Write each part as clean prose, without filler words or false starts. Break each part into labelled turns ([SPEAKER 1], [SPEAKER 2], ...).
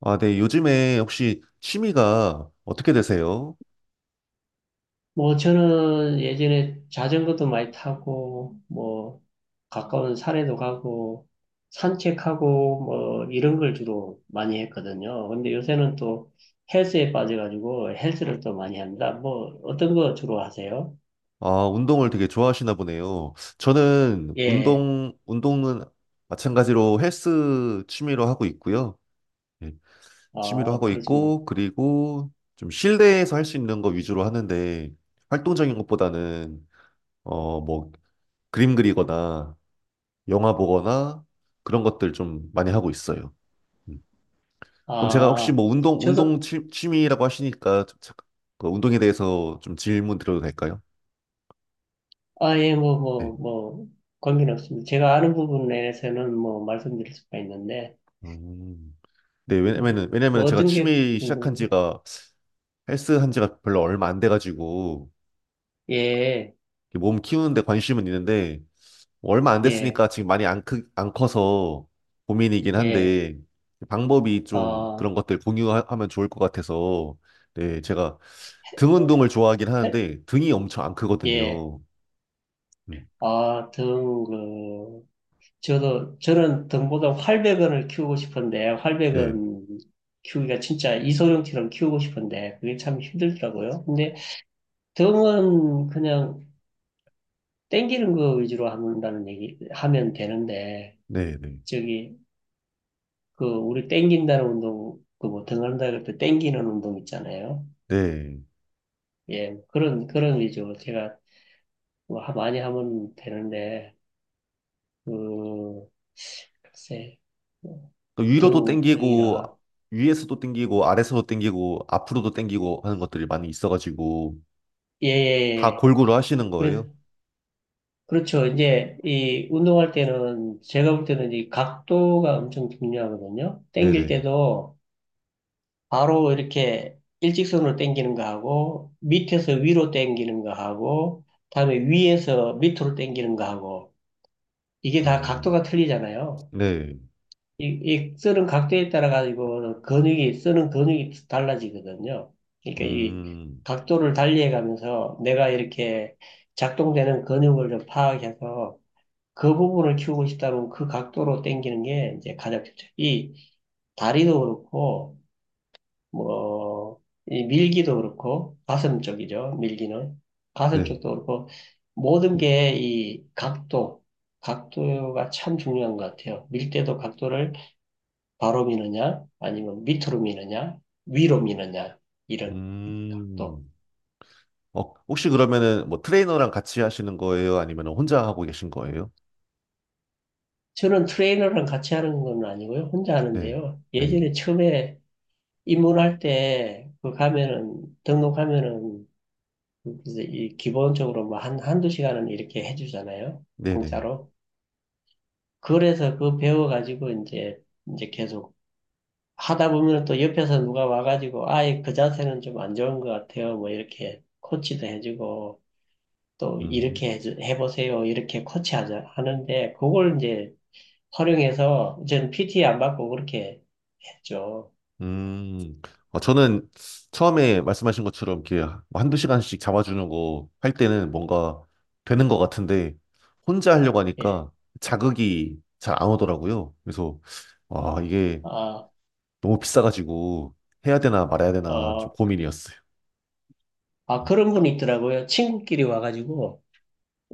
[SPEAKER 1] 아, 네. 요즘에 혹시 취미가 어떻게 되세요?
[SPEAKER 2] 뭐 저는 예전에 자전거도 많이 타고 뭐 가까운 산에도 가고 산책하고 뭐 이런 걸 주로 많이 했거든요. 근데 요새는 또 헬스에 빠져가지고 헬스를 또 많이 합니다. 뭐 어떤 거 주로 하세요?
[SPEAKER 1] 아, 운동을 되게 좋아하시나 보네요. 저는
[SPEAKER 2] 예.
[SPEAKER 1] 운동은 마찬가지로 헬스 취미로 하고 있고요. 네, 취미로
[SPEAKER 2] 아,
[SPEAKER 1] 하고
[SPEAKER 2] 그러시면
[SPEAKER 1] 있고, 그리고 좀 실내에서 할 수 있는 거 위주로 하는데, 활동적인 것보다는, 어, 뭐, 그림 그리거나, 영화 보거나, 그런 것들 좀 많이 하고 있어요. 음. 그럼 제가 혹시
[SPEAKER 2] 아,
[SPEAKER 1] 뭐
[SPEAKER 2] 저도
[SPEAKER 1] 취미라고 하시니까 그 운동에 대해서 좀 질문 드려도 될까요?
[SPEAKER 2] 아, 예, 뭐
[SPEAKER 1] 네.
[SPEAKER 2] 뭐 뭐 관계는 없습니다. 제가 아는 부분에서는 뭐 말씀드릴 수가 있는데
[SPEAKER 1] 음. 네,
[SPEAKER 2] 예.
[SPEAKER 1] 왜냐면은
[SPEAKER 2] 뭐
[SPEAKER 1] 제가
[SPEAKER 2] 어떤 게
[SPEAKER 1] 취미 시작한
[SPEAKER 2] 궁금해요?
[SPEAKER 1] 지가 헬스 한 지가 별로 얼마 안 돼가지고
[SPEAKER 2] 예.
[SPEAKER 1] 이렇게 몸 키우는데 관심은 있는데 얼마 안
[SPEAKER 2] 예.
[SPEAKER 1] 됐으니까 지금 많이 안 크, 안 커서 고민이긴
[SPEAKER 2] 예.
[SPEAKER 1] 한데 방법이 좀 그런
[SPEAKER 2] 아,
[SPEAKER 1] 것들 공유하면 좋을 것 같아서, 네, 제가 등 운동을 좋아하긴
[SPEAKER 2] 해-
[SPEAKER 1] 하는데 등이 엄청 안
[SPEAKER 2] 예.
[SPEAKER 1] 크거든요. 음,
[SPEAKER 2] 아, 등, 그, 저도, 저는 등보다 활백은을 키우고 싶은데,
[SPEAKER 1] 네,
[SPEAKER 2] 활백은 키우기가 진짜 이소룡처럼 키우고 싶은데, 그게 참 힘들더라고요. 근데 등은 그냥 땡기는 거 위주로 한다는 얘기, 하면 되는데,
[SPEAKER 1] 네, 네.
[SPEAKER 2] 저기, 그, 우리 땡긴다는 운동, 그 뭐, 등한다 그럴 때 땡기는 운동 있잖아요.
[SPEAKER 1] 네.
[SPEAKER 2] 예, 그런, 그런 위주로 제가 많이 하면 되는데, 음, 글쎄, 뭐,
[SPEAKER 1] 그
[SPEAKER 2] 등
[SPEAKER 1] 위로도
[SPEAKER 2] 무병이
[SPEAKER 1] 땡기고,
[SPEAKER 2] 라
[SPEAKER 1] 위에서도 땡기고, 아래서도 땡기고, 앞으로도 땡기고 하는 것들이 많이 있어가지고,
[SPEAKER 2] 예,
[SPEAKER 1] 다
[SPEAKER 2] 예,
[SPEAKER 1] 골고루 하시는 거예요?
[SPEAKER 2] 그래, 그렇죠. 이제 이 운동할 때는 제가 볼 때는 이 각도가 엄청 중요하거든요. 당길
[SPEAKER 1] 네네.
[SPEAKER 2] 때도 바로 이렇게 일직선으로 당기는 거 하고 밑에서 위로 당기는 거 하고 다음에 위에서 밑으로 당기는 거 하고 이게 다
[SPEAKER 1] 음,
[SPEAKER 2] 각도가 틀리잖아요.
[SPEAKER 1] 네.
[SPEAKER 2] 이 쓰는 각도에 따라 가지고 근육이 쓰는 근육이 달라지거든요. 그러니까 이
[SPEAKER 1] 음,
[SPEAKER 2] 각도를 달리해 가면서 내가 이렇게 작동되는 근육을 좀 파악해서 그 부분을 키우고 싶다면 그 각도로 당기는 게 이제 가장 좋죠. 이 다리도 그렇고 뭐 이 밀기도 그렇고 가슴 쪽이죠. 밀기는 가슴
[SPEAKER 1] 네.
[SPEAKER 2] 쪽도 그렇고 모든 게 이 각도, 각도가 참 중요한 것 같아요. 밀 때도 각도를 바로 미느냐, 아니면 밑으로 미느냐, 위로 미느냐, 이런 각도.
[SPEAKER 1] 음. 어, 혹시 그러면은 뭐 트레이너랑 같이 하시는 거예요? 아니면 혼자 하고 계신 거예요?
[SPEAKER 2] 저는 트레이너랑 같이 하는 건 아니고요. 혼자
[SPEAKER 1] 네.
[SPEAKER 2] 하는데요.
[SPEAKER 1] 네.
[SPEAKER 2] 예전에 처음에 입문할 때, 그 가면은, 등록하면은, 이제 이 기본적으로 뭐 한, 한두 시간은 이렇게 해주잖아요.
[SPEAKER 1] 네네.
[SPEAKER 2] 공짜로. 그래서 그 배워가지고 이제, 이제 계속 하다 보면 또 옆에서 누가 와가지고, 아예 그 자세는 좀 안 좋은 것 같아요. 뭐 이렇게 코치도 해주고, 또
[SPEAKER 1] 음.
[SPEAKER 2] 이렇게 해 해보세요. 이렇게 코치하자 하는데 그걸 이제 활용해서 저는 PT 안 받고 그렇게 했죠.
[SPEAKER 1] 음, 어, 저는 처음에 말씀하신 것처럼 이렇게 뭐 한두 시간씩 잡아주는 거 할 때는 뭔가 되는 것 같은데 혼자 하려고
[SPEAKER 2] 예.
[SPEAKER 1] 하니까 자극이 잘 안 오더라고요. 그래서 와, 이게
[SPEAKER 2] 아,
[SPEAKER 1] 너무 비싸가지고 해야 되나 말아야 되나 좀
[SPEAKER 2] 어,
[SPEAKER 1] 고민이었어요.
[SPEAKER 2] 아 그런 분이 있더라고요. 친구끼리 와가지고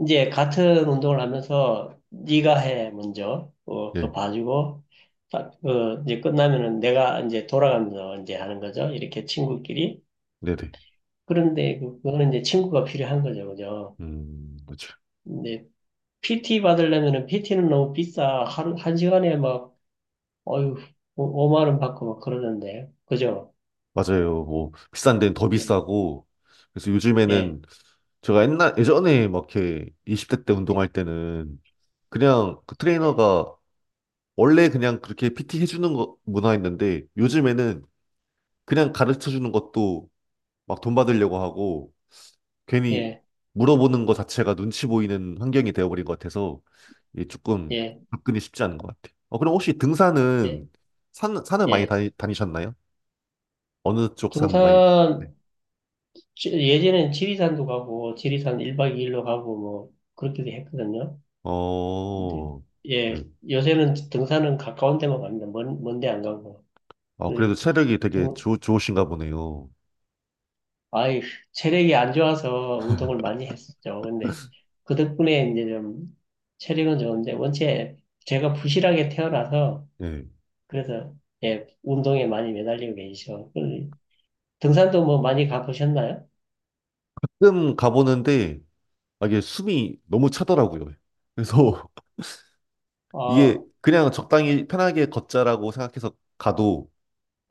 [SPEAKER 2] 이제 같은 운동을 하면서 네가 해 먼저 어, 그거
[SPEAKER 1] 예,
[SPEAKER 2] 봐주고 딱, 어, 이제 끝나면은 내가 이제 돌아가면서 이제 하는 거죠. 이렇게 친구끼리.
[SPEAKER 1] 네네.
[SPEAKER 2] 그런데 그거는 이제 친구가 필요한 거죠. 그죠?
[SPEAKER 1] 그렇죠.
[SPEAKER 2] 근데 PT 받으려면은 PT는 너무 비싸. 하루, 한 시간에 막, 어휴, 5만 원 받고 막 그러던데. 그죠?
[SPEAKER 1] 맞아요. 뭐 비싼 데는 더
[SPEAKER 2] 예,
[SPEAKER 1] 비싸고 그래서
[SPEAKER 2] 예,
[SPEAKER 1] 요즘에는 제가 옛날 예전에 막 이렇게 20대 때 운동할 때는 그냥 그
[SPEAKER 2] 예,
[SPEAKER 1] 트레이너가 원래 그냥 그렇게 PT 해주는 거, 문화였는데 요즘에는 그냥 가르쳐 주는 것도 막 돈 받으려고 하고 괜히
[SPEAKER 2] 예,
[SPEAKER 1] 물어보는 거 자체가 눈치 보이는 환경이 되어버린 것 같아서 이게 조금
[SPEAKER 2] 예,
[SPEAKER 1] 접근이 쉽지 않은 것 같아요. 어, 그럼 혹시
[SPEAKER 2] 예,
[SPEAKER 1] 등산은 산을
[SPEAKER 2] 예.
[SPEAKER 1] 다니셨나요? 어느 쪽 산 많이? 네.
[SPEAKER 2] 등산, 예전엔 지리산도 가고, 지리산 1박 2일로 가고, 뭐, 그렇게도 했거든요. 근데,
[SPEAKER 1] 어, 네.
[SPEAKER 2] 예, 요새는 등산은 가까운 데만 갑니다. 먼, 먼데 안 가고.
[SPEAKER 1] 아, 그래도
[SPEAKER 2] 그
[SPEAKER 1] 체력이 되게
[SPEAKER 2] 등,
[SPEAKER 1] 좋 좋으신가 보네요.
[SPEAKER 2] 아이, 체력이 안 좋아서 운동을 많이 했었죠. 근데 그 덕분에 이제 좀 체력은 좋은데 원체 제가 부실하게 태어나서
[SPEAKER 1] 예.
[SPEAKER 2] 그래서 예, 운동에 많이 매달리고 계시죠. 그 등산도 뭐 많이 가보셨나요?
[SPEAKER 1] 가끔 가보는데 아, 이게 숨이 너무 차더라고요. 그래서 이게
[SPEAKER 2] 어,
[SPEAKER 1] 그냥 적당히 편하게 걷자라고 생각해서 가도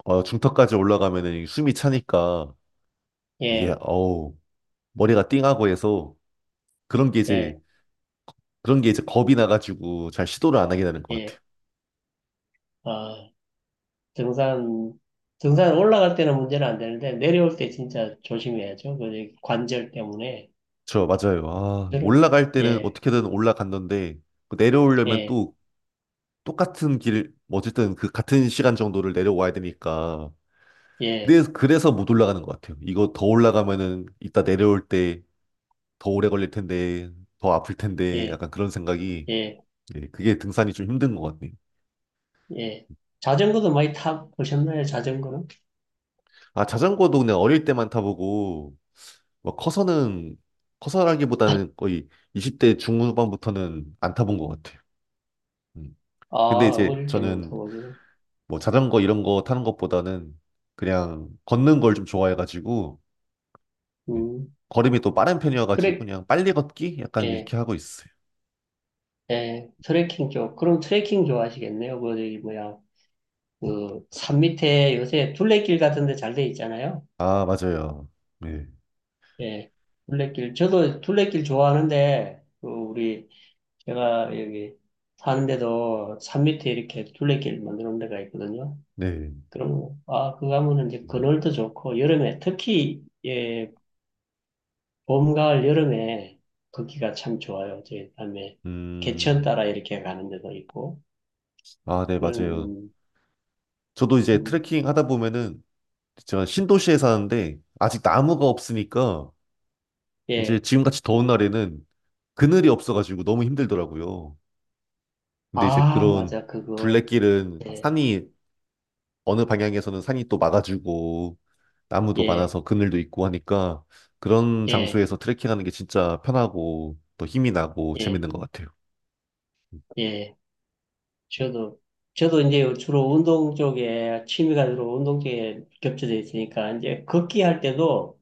[SPEAKER 1] 어, 중턱까지 올라가면은 숨이 차니까 이게
[SPEAKER 2] 예,
[SPEAKER 1] 어우 머리가 띵하고 해서 그런 게 이제
[SPEAKER 2] 예,
[SPEAKER 1] 그런 게 이제 겁이 나가지고 잘 시도를 안 하게 되는 것
[SPEAKER 2] 예.
[SPEAKER 1] 같아요.
[SPEAKER 2] 아, 등산, 등산 올라갈 때는 문제는 안 되는데 내려올 때 진짜 조심해야죠. 그 관절 때문에.
[SPEAKER 1] 저 맞아요. 아
[SPEAKER 2] 저는,
[SPEAKER 1] 올라갈 때는
[SPEAKER 2] 예,
[SPEAKER 1] 어떻게든 올라갔는데 그 내려오려면
[SPEAKER 2] 예,
[SPEAKER 1] 또 똑같은 길, 뭐 어쨌든 그 같은 시간 정도를 내려와야 되니까
[SPEAKER 2] 예,
[SPEAKER 1] 그래서 못 올라가는 것 같아요. 이거 더 올라가면은 이따 내려올 때 더 오래 걸릴 텐데, 더 아플 텐데,
[SPEAKER 2] 예,
[SPEAKER 1] 약간 그런 생각이,
[SPEAKER 2] 예.
[SPEAKER 1] 예, 그게 등산이 좀 힘든 것 같네요.
[SPEAKER 2] 예. 자전거도 많이 타보셨나요, 자전거는?
[SPEAKER 1] 아, 자전거도 그냥 어릴 때만 타보고, 뭐 커서는, 커서라기보다는 거의 20대 중후반부터는 안 타본 것 같아요. 음.
[SPEAKER 2] 아,
[SPEAKER 1] 근데 이제
[SPEAKER 2] 어릴 때만 타
[SPEAKER 1] 저는
[SPEAKER 2] 보지고
[SPEAKER 1] 뭐 자전거 이런 거 타는 것보다는 그냥 걷는 걸 좀 좋아해가지고, 예.
[SPEAKER 2] 음,
[SPEAKER 1] 걸음이 또 빠른 편이어가지고
[SPEAKER 2] 트랙,
[SPEAKER 1] 그냥 빨리 걷기? 약간
[SPEAKER 2] 예,
[SPEAKER 1] 이렇게 하고 있어요.
[SPEAKER 2] 예, 트레킹 쪽. 그럼 트레킹 좋아하시겠네요. 그, 저기, 뭐야, 그, 산 밑에 요새 둘레길 같은 데 잘 돼 있잖아요.
[SPEAKER 1] 아, 맞아요. 네.
[SPEAKER 2] 예, 둘레길. 저도 둘레길 좋아하는데, 그, 우리, 제가 여기 사는데도 산 밑에 이렇게 둘레길 만들어 놓은 데가 있거든요.
[SPEAKER 1] 네.
[SPEAKER 2] 그럼, 아, 그거 하면은 이제
[SPEAKER 1] 음,
[SPEAKER 2] 그늘도 좋고, 여름에 특히, 예, 봄, 가을, 여름에 걷기가 참 좋아요. 이제 다음에 개천
[SPEAKER 1] 음.
[SPEAKER 2] 따라 이렇게 가는 데도 있고.
[SPEAKER 1] 아, 네, 맞아요.
[SPEAKER 2] 음,
[SPEAKER 1] 저도 이제
[SPEAKER 2] 음,
[SPEAKER 1] 트레킹 하다 보면은 제가 신도시에 사는데 아직 나무가 없으니까 이제
[SPEAKER 2] 예.
[SPEAKER 1] 지금같이 더운 날에는 그늘이 없어가지고 너무 힘들더라고요. 근데 이제
[SPEAKER 2] 아,
[SPEAKER 1] 그런
[SPEAKER 2] 맞아. 그거.
[SPEAKER 1] 둘레길은
[SPEAKER 2] 예,
[SPEAKER 1] 산이 어느 방향에서는 산이 또 막아주고 나무도
[SPEAKER 2] 예,
[SPEAKER 1] 많아서 그늘도 있고 하니까 그런
[SPEAKER 2] 예,
[SPEAKER 1] 장소에서 트레킹하는 게 진짜 편하고 또 힘이 나고
[SPEAKER 2] 예,
[SPEAKER 1] 재밌는 것 같아요.
[SPEAKER 2] 예. 저도, 저도 이제 주로 운동 쪽에, 취미가 주로 운동 쪽에 겹쳐져 있으니까, 이제 걷기 할 때도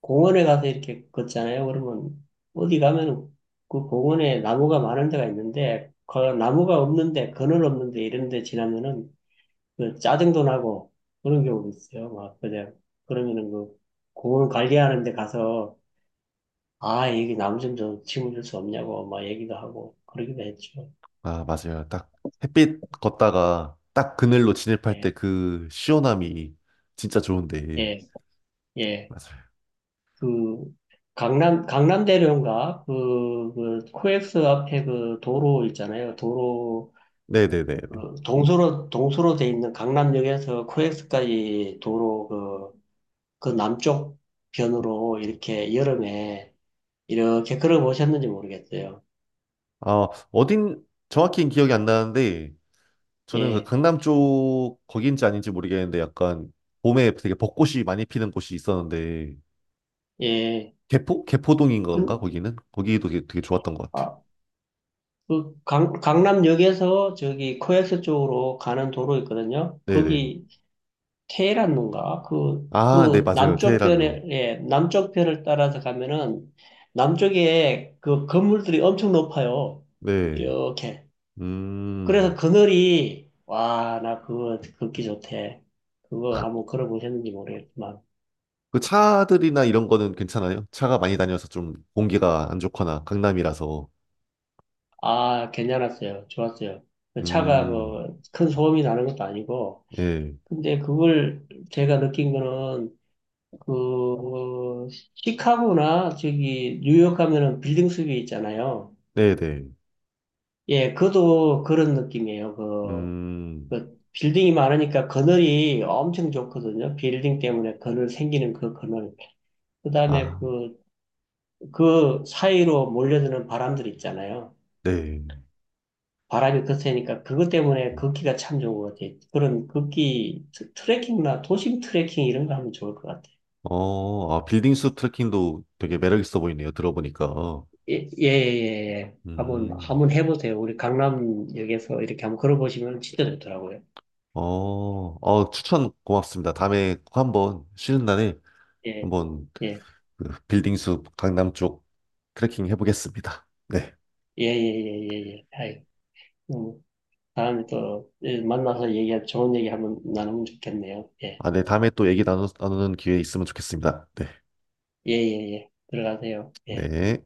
[SPEAKER 2] 공원에 가서 이렇게 걷잖아요. 그러면 어디 가면 그 공원에 나무가 많은 데가 있는데, 그 나무가 없는데, 그늘 없는데 이런 데 지나면은 그 짜증도 나고 그런 경우도 있어요. 막 그냥 그러면은 그 공원 관리하는 데 가서 아 여기 나무 좀 심어줄 수 없냐고 막 얘기도 하고 그러기도 했죠.
[SPEAKER 1] 아, 맞아요. 딱 햇빛 걷다가 딱 그늘로 진입할 때
[SPEAKER 2] 예,
[SPEAKER 1] 그 시원함이 진짜 좋은데.
[SPEAKER 2] 예, 예.
[SPEAKER 1] 맞아요.
[SPEAKER 2] 그 강남 강남대로인가 그, 그 코엑스 앞에 그 도로 있잖아요. 도로
[SPEAKER 1] 네네네네.
[SPEAKER 2] 그 동서로 동서로 돼 있는 강남역에서 코엑스까지 도로 그 그 남쪽 변으로 이렇게 여름에 이렇게 걸어 보셨는지 모르겠어요.
[SPEAKER 1] 아, 어딘, 정확히는 기억이 안 나는데, 저는 그
[SPEAKER 2] 예,
[SPEAKER 1] 강남 쪽, 거기인지 아닌지 모르겠는데, 약간, 봄에 되게 벚꽃이 많이 피는 곳이 있었는데,
[SPEAKER 2] 예.
[SPEAKER 1] 개포? 개포동인 건가,
[SPEAKER 2] 그,
[SPEAKER 1] 거기는? 거기도 되게 좋았던 것 같아요.
[SPEAKER 2] 아, 그 강, 강남역에서 저기 코엑스 쪽으로 가는 도로 있거든요.
[SPEAKER 1] 네네.
[SPEAKER 2] 거기 테헤란로인가? 그,
[SPEAKER 1] 아, 네,
[SPEAKER 2] 그
[SPEAKER 1] 맞아요.
[SPEAKER 2] 남쪽
[SPEAKER 1] 테헤란로.
[SPEAKER 2] 변에, 예, 남쪽 변을 따라서 가면은 남쪽에 그 건물들이 엄청 높아요.
[SPEAKER 1] 네.
[SPEAKER 2] 이렇게. 그래서
[SPEAKER 1] 음.
[SPEAKER 2] 그늘이, 와, 나 그거 걷기 좋대. 그거 한번 걸어보셨는지 모르겠지만.
[SPEAKER 1] 그 차들이나 이런 거는 괜찮아요? 차가 많이 다녀서 좀 공기가 안 좋거나, 강남이라서.
[SPEAKER 2] 아, 괜찮았어요. 좋았어요. 그 차가
[SPEAKER 1] 음.
[SPEAKER 2] 뭐 큰 소음이 나는 것도 아니고.
[SPEAKER 1] 예.
[SPEAKER 2] 근데 그걸 제가 느낀 거는 그 시카고나 저기 뉴욕 가면은 빌딩 숲이 있잖아요.
[SPEAKER 1] 네네.
[SPEAKER 2] 예, 그도 그런 느낌이에요. 그,
[SPEAKER 1] 음.
[SPEAKER 2] 그 빌딩이 많으니까 그늘이 엄청 좋거든요. 빌딩 때문에 그늘 생기는 그 그늘. 그다음에
[SPEAKER 1] 아,
[SPEAKER 2] 그, 그 사이로 몰려드는 바람들 있잖아요.
[SPEAKER 1] 네.
[SPEAKER 2] 바람이 거세니까 그것 때문에 걷기가 참 좋은 것 같아요. 그런 걷기 트레킹이나 도심 트레킹 이런 거 하면 좋을 것 같아요.
[SPEAKER 1] 아, 빌딩 숲 트레킹도 되게 매력 있어 보이네요. 들어보니까.
[SPEAKER 2] 예, 예, 예. 예. 한번,
[SPEAKER 1] 음,
[SPEAKER 2] 한번 해보세요. 우리 강남역에서 이렇게 한번 걸어보시면 진짜 좋더라고요.
[SPEAKER 1] 어, 어, 추천 고맙습니다. 다음에 꼭 한번 쉬는 날에
[SPEAKER 2] 예,
[SPEAKER 1] 한번
[SPEAKER 2] 예,
[SPEAKER 1] 그 빌딩 숲 강남 쪽 트레킹 해보겠습니다. 네.
[SPEAKER 2] 예, 예, 예, 예, 예. 아이, 음, 다음에 또 예, 만나서 얘기할, 좋은 얘기 한번 나누면 좋겠네요. 예,
[SPEAKER 1] 아, 네. 다음에 또 나누는 기회 있으면 좋겠습니다. 네.
[SPEAKER 2] 예, 예, 예. 들어가세요. 예.
[SPEAKER 1] 네.